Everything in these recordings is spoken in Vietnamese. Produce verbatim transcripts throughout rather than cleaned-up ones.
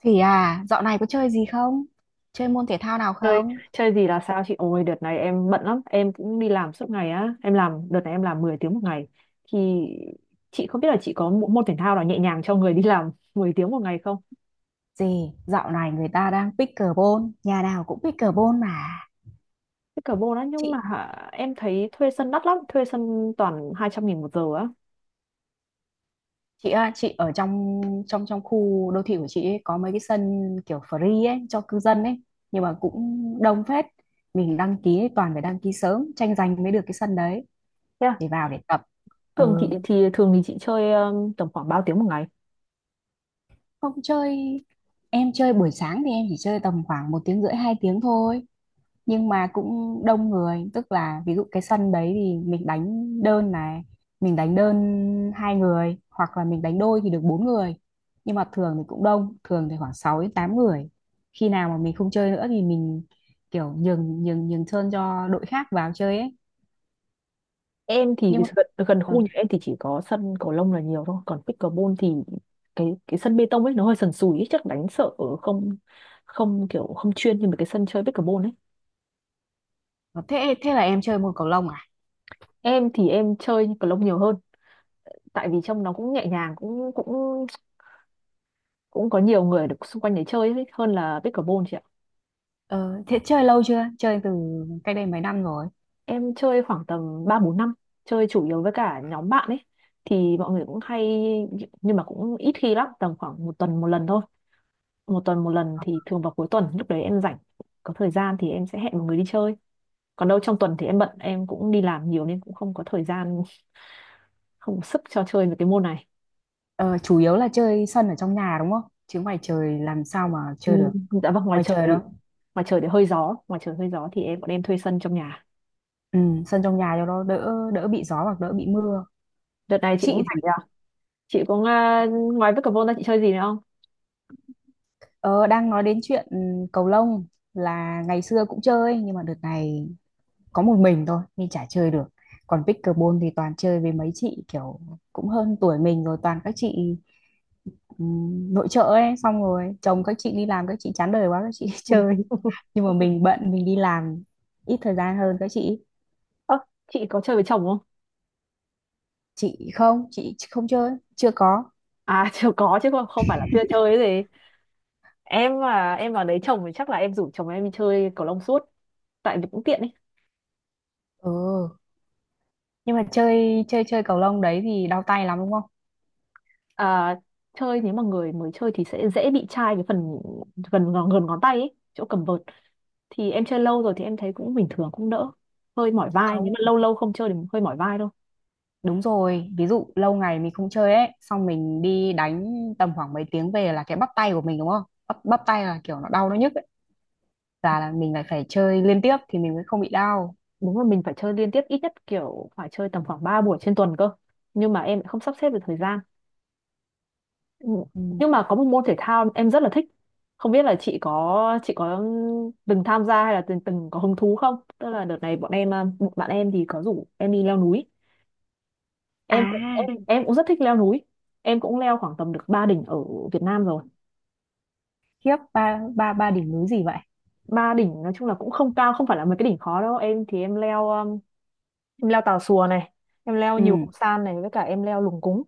Thì à, dạo này có chơi gì không? Chơi môn thể thao nào Chơi không? chơi gì là sao chị? Ôi đợt này em bận lắm, em cũng đi làm suốt ngày á, em làm đợt này em làm mười tiếng một ngày. Thì chị không biết là chị có một môn thể thao nào nhẹ nhàng cho người đi làm mười tiếng một ngày không? Gì, dạo này người ta đang pickleball, nhà nào cũng pickleball mà. Cái cờ bô đó, nhưng mà Chị em thấy thuê sân đắt lắm, thuê sân toàn hai trăm nghìn một giờ á. chị à, chị ở trong trong trong khu đô thị của chị ấy, có mấy cái sân kiểu free ấy cho cư dân ấy, nhưng mà cũng đông phết. Mình đăng ký ấy, toàn phải đăng ký sớm, tranh giành mới được cái sân đấy Yeah. để vào để tập. Thường chị Ừ, thì thường thì chị chơi um, tầm khoảng bao tiếng một ngày? không chơi, em chơi buổi sáng thì em chỉ chơi tầm khoảng một tiếng rưỡi hai tiếng thôi, nhưng mà cũng đông người, tức là ví dụ cái sân đấy thì mình đánh đơn này, mình đánh đơn hai người hoặc là mình đánh đôi thì được bốn người. Nhưng mà thường thì cũng đông, thường thì khoảng sáu đến tám người. Khi nào mà mình không chơi nữa thì mình kiểu nhường nhường nhường sân cho đội khác vào chơi ấy, Em thì nhưng mà gần, gần ờ, khu nhà em thì chỉ có sân cầu lông là nhiều thôi, còn pickleball thì cái cái sân bê tông ấy nó hơi sần sùi ấy, chắc đánh sợ ở không, không kiểu không chuyên như mấy cái sân chơi pickleball ấy. thế thế là em chơi môn cầu lông à? Em thì em chơi cầu lông nhiều hơn, tại vì trong nó cũng nhẹ nhàng, cũng cũng cũng có nhiều người được xung quanh để chơi ấy, hơn là pickleball chị ạ. Ờ, thế chơi lâu chưa, chơi từ cách đây mấy năm rồi? Em chơi khoảng tầm ba bốn năm, chơi chủ yếu với cả nhóm bạn ấy, thì mọi người cũng hay. Nhưng mà cũng ít khi lắm, tầm khoảng một tuần một lần thôi. Một tuần một lần thì thường vào cuối tuần, lúc đấy em rảnh, có thời gian thì em sẽ hẹn một người đi chơi. Còn đâu trong tuần thì em bận, em cũng đi làm nhiều nên cũng không có thời gian, không có sức cho chơi với cái môn này. Ờ, chủ yếu là chơi sân ở trong nhà đúng không, chứ ngoài trời làm sao mà Ừ, chơi được, dạ vâng, ngoài ngoài trời. trời đâu. Ngoài trời thì hơi gió, ngoài trời hơi gió thì em bọn em thuê sân trong nhà. Ừ, sân trong nhà cho nó đỡ đỡ bị gió hoặc đỡ bị mưa. Đợt này chị cũng Chị rảnh thì nhờ. Chị cũng, à, ngoài pickleball ra chị chơi gì nữa không? ờ, đang nói đến chuyện ừ, cầu lông, là ngày xưa cũng chơi nhưng mà đợt này có một mình thôi nên chả chơi được. Còn pickleball thì toàn chơi với mấy chị kiểu cũng hơn tuổi mình rồi, toàn các chị ừ, nội trợ ấy, xong rồi chồng các chị đi làm, các chị chán đời quá các chị chơi. Nhưng mà mình bận mình đi làm, ít thời gian hơn các chị. Ơ, chị có chơi với chồng không? Chị không, chị không chơi, chưa có. À, chưa có chứ không, không phải là chưa chơi cái gì. Em mà em vào đấy chồng thì chắc là em rủ chồng em đi chơi cầu lông suốt, tại vì cũng tiện ấy. Ừ, nhưng mà chơi chơi chơi cầu lông đấy thì đau tay lắm đúng không? À, chơi nếu mà người mới chơi thì sẽ dễ bị chai cái phần gần ngón- gần ngón tay ấy, chỗ cầm vợt. Thì em chơi lâu rồi thì em thấy cũng bình thường, cũng đỡ. Hơi mỏi vai, nếu mà Không, lâu lâu không chơi thì hơi mỏi vai thôi. đúng rồi. Ví dụ lâu ngày mình không chơi ấy, xong mình đi đánh tầm khoảng mấy tiếng về là cái bắp tay của mình đúng không? Bắp, bắp tay là kiểu nó đau nó nhức ấy. Là, là mình lại phải chơi liên tiếp thì mình mới không bị đau. Đúng là mình phải chơi liên tiếp, ít nhất kiểu phải chơi tầm khoảng ba buổi trên tuần cơ, nhưng mà em lại không sắp xếp được thời gian. Ừ, Ừ. nhưng mà có một môn thể thao em rất là thích, không biết là chị có chị có từng tham gia hay là từng từng có hứng thú không. Tức là đợt này bọn em, à, một bạn em thì có rủ em đi leo núi. em cũng À, em, em cũng rất thích leo núi. Em cũng leo khoảng tầm được ba đỉnh ở Việt Nam rồi. khiếp, ba ba ba đỉnh núi gì vậy? Ba đỉnh nói chung là cũng không cao, không phải là mấy cái đỉnh khó đâu. Em thì em leo um, em leo Tà Xùa này, em leo nhiều Ừ. san này, với cả em leo Lùng Cúng.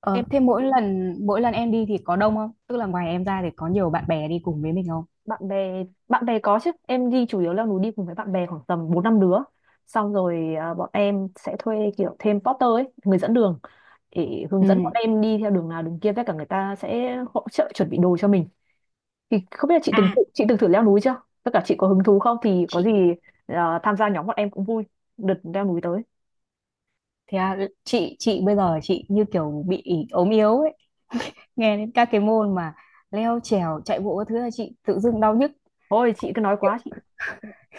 Ờ, Em, thế mỗi lần mỗi lần em đi thì có đông không? Tức là ngoài em ra thì có nhiều bạn bè đi cùng với mình không? bạn bè bạn bè có chứ, em đi chủ yếu leo núi đi cùng với bạn bè khoảng tầm bốn năm đứa. Xong rồi à, bọn em sẽ thuê kiểu thêm porter ấy, người dẫn đường, để hướng dẫn bọn Ừ. em đi theo đường nào đường kia, với cả người ta sẽ hỗ trợ chuẩn bị đồ cho mình. Thì không biết là chị từng À, chị từng thử leo núi chưa, tất cả chị có hứng thú không, thì có gì chị à, tham gia nhóm bọn em cũng vui, đợt leo núi tới. thế à, chị chị bây giờ chị như kiểu bị ốm yếu ấy. Nghe đến các cái môn mà leo trèo chạy bộ các thứ là chị tự dưng đau nhức. Thôi chị cứ nói quá Kiểu- chị.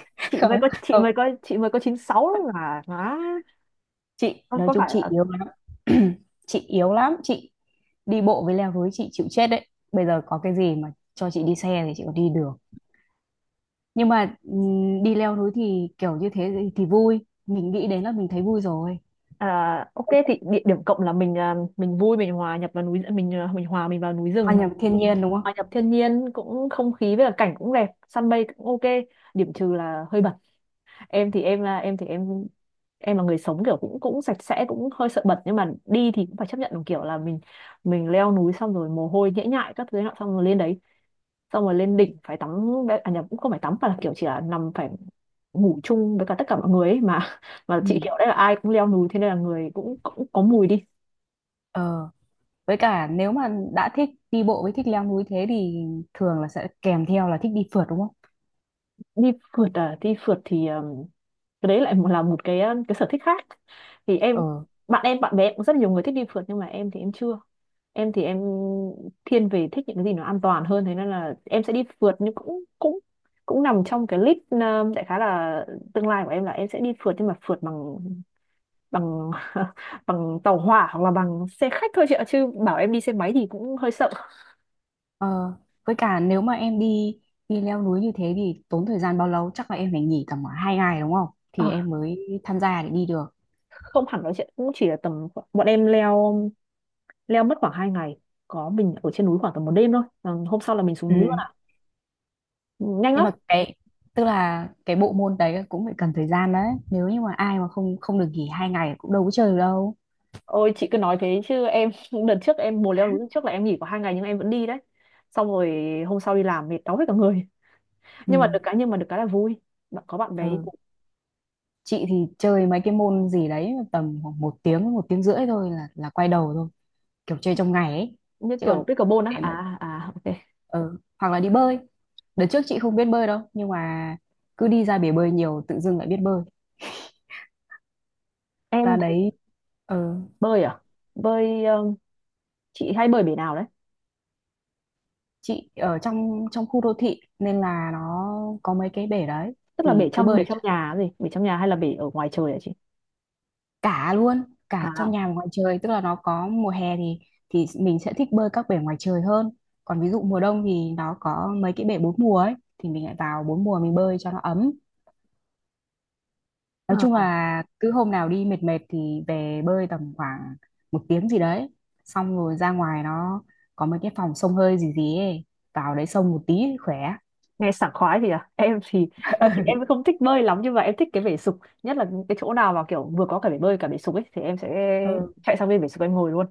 Chị mới không có chị không, mới có chị mới có chín sáu là má. chị Không nói có chung phải chị là, yếu lắm. Chị yếu lắm, chị đi bộ với leo núi chị chịu chết đấy. Bây giờ có cái gì mà cho chị đi xe thì chị còn đi được, nhưng mà ừm, đi leo núi thì kiểu như thế thì, thì vui, mình nghĩ đến là mình thấy vui rồi. à, ok, thì địa điểm cộng là mình, à, mình vui, mình hòa nhập vào núi, mình, à, mình hòa mình vào núi Hòa rừng, nhập thiên nhiên đúng không? hòa nhập thiên nhiên. Cũng không khí với cả cảnh cũng đẹp, săn mây cũng ok. Điểm trừ là hơi bẩn. Em thì em là em thì em em là người sống kiểu cũng cũng sạch sẽ, cũng hơi sợ bẩn, nhưng mà đi thì cũng phải chấp nhận một kiểu là mình mình leo núi xong rồi mồ hôi nhễ nhại các thứ nọ, xong rồi lên đấy, xong rồi lên đỉnh phải tắm. Bé- à, nhập cũng không phải tắm mà là kiểu chỉ là nằm phải ngủ chung với cả tất cả mọi người ấy mà, mà chị Ừ. kiểu đấy là ai cũng leo núi thế nên là người cũng cũng có mùi đi. ờ với cả nếu mà đã thích đi bộ với thích leo núi thế thì thường là sẽ kèm theo là thích đi phượt đúng không? Đi phượt à? Đi phượt thì ừm, cái đấy lại một- là một cái, ờ, cái sở thích khác. Thì ờ em, bạn em bạn bè cũng rất nhiều người thích đi phượt, nhưng mà em thì em chưa. Em thì em thiên về thích những cái gì nó an toàn, hơn thế nên là em sẽ đi phượt nhưng cũng cũng cũng nằm trong cái list, um, đại khái là tương lai của em là em sẽ đi phượt, nhưng mà phượt bằng bằng bằng tàu hỏa hoặc là bằng xe khách thôi chị ạ, chứ bảo em đi xe máy thì cũng hơi sợ. Ờ, với cả nếu mà em đi đi leo núi như thế thì tốn thời gian bao lâu? Chắc là em phải nghỉ tầm khoảng hai ngày đúng không? Thì Ờ, em mới tham gia để đi được. không hẳn, nói chuyện cũng chỉ là tầm khoảng- bọn em leo, leo mất khoảng hai ngày, có mình ở trên núi khoảng tầm một đêm thôi. Ờ, hôm sau là mình xuống Ừ. núi luôn ạ, nhanh Nhưng lắm. mà cái, tức là cái bộ môn đấy cũng phải cần thời gian đấy. Nếu như mà ai mà không không được nghỉ hai ngày cũng đâu có chơi được đâu. Ôi chị cứ nói thế chứ em, đợt trước em mùa leo núi trước là em nghỉ có hai ngày nhưng em vẫn đi đấy. Xong rồi hôm sau đi làm mệt đau hết cả người. Nhưng mà được Ừ. cái nhưng mà được cái là vui. Bạn có bạn bè đi Ừ. cùng. Chị thì chơi mấy cái môn gì đấy tầm khoảng một tiếng một tiếng rưỡi thôi là là quay đầu thôi, kiểu chơi trong ngày ấy. Như Chứ kiểu còn pickleball để á. mà À, à, ok. ừ. hoặc là đi bơi, đợt trước chị không biết bơi đâu nhưng mà cứ đi ra bể bơi nhiều tự dưng lại biết bơi, Em ra thì đấy. ừ. bơi à? Bơi, um, chị hay bơi bể nào đấy? Chị ở trong trong khu đô thị nên là nó có mấy cái bể đấy, Tức thì là bể cứ trong bơi bể ở trong chỗ nhà gì? Bể trong nhà hay là bể ở ngoài trời hả chị? cả luôn, cả trong À, nhà và ngoài trời. Tức là nó có mùa hè thì thì mình sẽ thích bơi các bể ngoài trời hơn, còn ví dụ mùa đông thì nó có mấy cái bể bốn mùa ấy thì mình lại vào bốn mùa mình bơi cho nó ấm. à, Nói chung à. là cứ hôm nào đi mệt mệt thì về bơi tầm khoảng một tiếng gì đấy, xong rồi ra ngoài nó có mấy cái phòng xông hơi gì gì ấy, vào đấy xông một tí khỏe. Nghe sảng khoái thì à. Em thì em thì em không thích bơi lắm, nhưng mà em thích cái bể sục, nhất là cái chỗ nào mà kiểu vừa có cả bể bơi cả bể sục ấy thì em sẽ Ừ. chạy sang bên bể sục em ngồi luôn.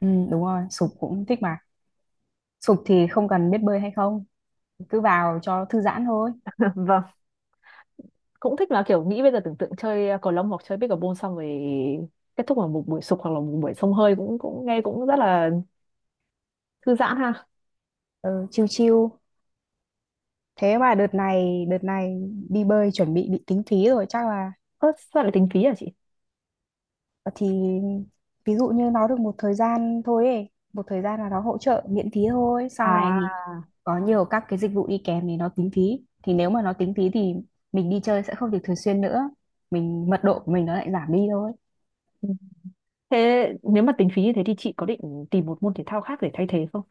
Ừ đúng rồi, sục cũng thích mà, sục thì không cần biết bơi hay không, cứ vào cho thư giãn thôi. Vâng, cũng thích là kiểu nghĩ bây giờ tưởng tượng chơi, à, cầu lông hoặc chơi pickleball xong rồi kết thúc vào một buổi sục hoặc là một buổi xông hơi cũng cũng nghe cũng rất là thư giãn ha. Ừ, chiêu. Chill. Thế mà đợt này đợt này đi bơi chuẩn bị bị tính phí rồi chắc là, Ơ sao lại tính phí hả chị? thì ví dụ như nó được một thời gian thôi ấy, một thời gian là nó hỗ trợ miễn phí thôi, sau này thì À, có nhiều các cái dịch vụ đi kèm thì nó tính phí, thì nếu mà nó tính phí thì mình đi chơi sẽ không được thường xuyên nữa, mình mật độ của mình nó lại giảm đi thôi. ừ. Thế nếu mà tính phí như thế thì chị có định tìm một môn thể thao khác để thay thế không?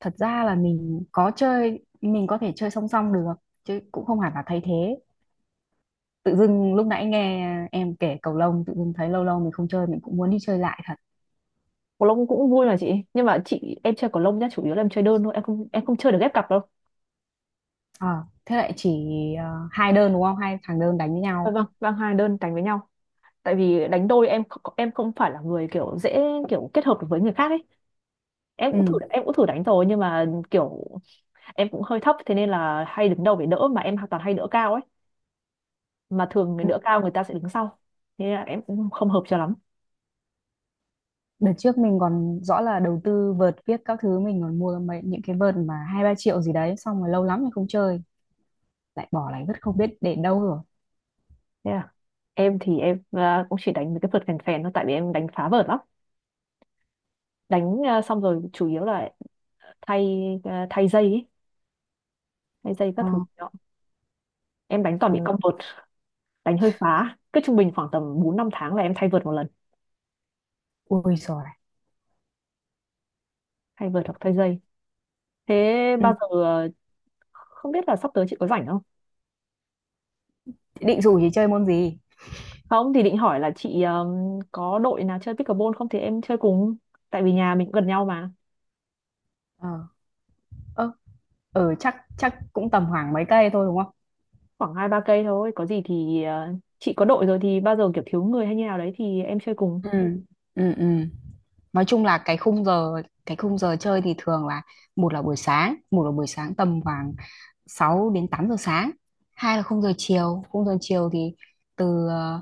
Thật ra là mình có chơi, mình có thể chơi song song được, chứ cũng không hẳn là thay thế. Tự dưng lúc nãy nghe em kể cầu lông tự dưng thấy lâu lâu mình không chơi mình cũng muốn đi chơi lại thật. Cầu lông cũng vui mà chị, nhưng mà chị em chơi cầu lông nhá, chủ yếu là em chơi đơn thôi, em không em không chơi được ghép cặp đâu. Ờ, thế lại chỉ ờ, hai đơn đúng không, hai thằng đơn đánh với Dạ nhau. vâng, vâng, hai đơn đánh với nhau. Tại vì đánh đôi em kh- em không phải là người kiểu dễ, kiểu kết hợp được với người khác ấy. em cũng thử Ừ. em cũng thử đánh rồi, nhưng mà kiểu em cũng hơi thấp thế nên là hay đứng đầu để đỡ, mà em toàn hay đỡ cao ấy, mà thường người Ừ. đỡ cao người ta sẽ đứng sau, thế là em cũng không hợp cho lắm. Đợt trước mình còn rõ là đầu tư vợt viết các thứ, mình còn mua mấy những cái vợt mà hai ba triệu gì đấy xong rồi lâu lắm mình không chơi, lại bỏ lại rất không biết để đâu rồi. Thế là em thì em, à, cũng chỉ đánh mấy cái vợt phèn phèn thôi, tại vì em đánh phá vợt lắm. Đánh, à, xong rồi chủ yếu là thay, à, thay dây ấy, thay dây các Ờ. thứ đó. Em đánh toàn Ờ, bị cong vợt, đánh hơi phá, cứ trung bình khoảng tầm bốn năm tháng là em thay vợt một lần, ui rồi này. thay vợt hoặc thay dây. Thế Ừ. bao giờ à, không biết là sắp tới chị có rảnh không, Định rủ thì chơi môn gì? không thì định hỏi là chị um, có đội nào chơi pickleball không thì em chơi cùng, tại vì nhà mình cũng gần nhau mà. Ờ. Ờ. Ờ, chắc chắc cũng tầm khoảng mấy cây thôi đúng không? Khoảng hai ba cây thôi, có gì thì ờ, chị có đội rồi thì bao giờ kiểu thiếu người hay như nào đấy thì em chơi cùng. Ừ. Ừ. Ừ, nói chung là cái khung giờ, cái khung giờ chơi thì thường là một là buổi sáng một là buổi sáng tầm khoảng sáu đến tám giờ sáng. Hai là khung giờ chiều, khung giờ chiều thì từ ờ,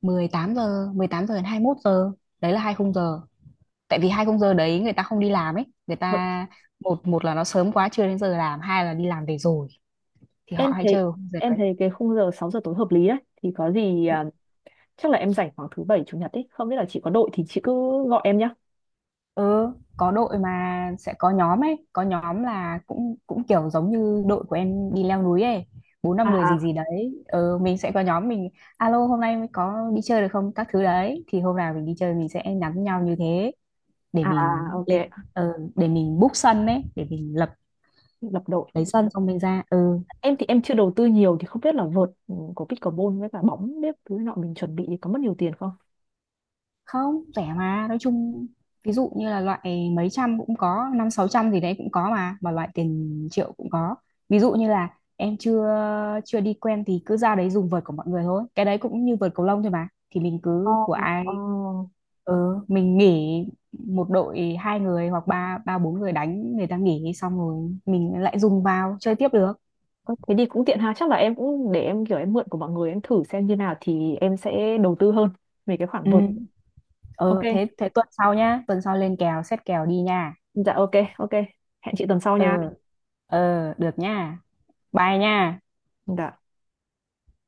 mười tám giờ mười tám giờ đến hai mốt giờ, đấy là hai khung giờ. Tại vì hai khung giờ đấy người ta không đi làm ấy, người Vậy ta một một là nó sớm quá chưa đến giờ làm, hai là đi làm về rồi thì họ em hay chơi thấy, vào khung giờ em đấy. thấy cái khung giờ sáu giờ tối hợp lý đấy. Thì có gì ờ, chắc là em rảnh khoảng thứ bảy chủ nhật ấy, không biết là chị có đội thì chị cứ gọi em nhá. Ừ, có đội mà sẽ có nhóm ấy, có nhóm là cũng cũng kiểu giống như đội của em đi leo núi ấy, bốn năm người gì À, gì đấy. Ừ, mình sẽ có nhóm, mình alo hôm nay mới có đi chơi được không các thứ đấy, thì hôm nào mình đi chơi mình sẽ nhắn nhau như thế để à, à, mình ok. lên. Ờ, để mình book sân ấy, để mình lập Lập đội. lấy sân xong mình ra. Ừ, Em thì em chưa đầu tư nhiều thì không biết là vợt ừ, của pickleball với cả bóng bếp thứ nọ mình chuẩn bị thì có mất nhiều tiền không? không rẻ mà, nói chung ví dụ như là loại mấy trăm cũng có, năm sáu trăm gì đấy cũng có, mà mà loại tiền triệu cũng có. Ví dụ như là em chưa chưa đi quen thì cứ ra đấy dùng vợt của mọi người thôi, cái đấy cũng như vợt cầu lông thôi mà, thì mình Ờ, cứ của ờ. ai. Ừ, mình nghỉ một đội hai người hoặc ba ba bốn người đánh, người ta nghỉ xong rồi mình lại dùng vào chơi tiếp được. Ơ, thế thì cũng tiện ha, chắc là em cũng để em kiểu em mượn của mọi người em thử xem như nào thì em sẽ đầu tư hơn về cái khoản Ừ, vượt. Ok, ừ thế thế tuần sau nhá, tuần sau lên kèo xét kèo đi nha. dạ ok, ok. Hẹn chị tuần sau Ừ. nha. Ừ được nha, bye nha. Dạ.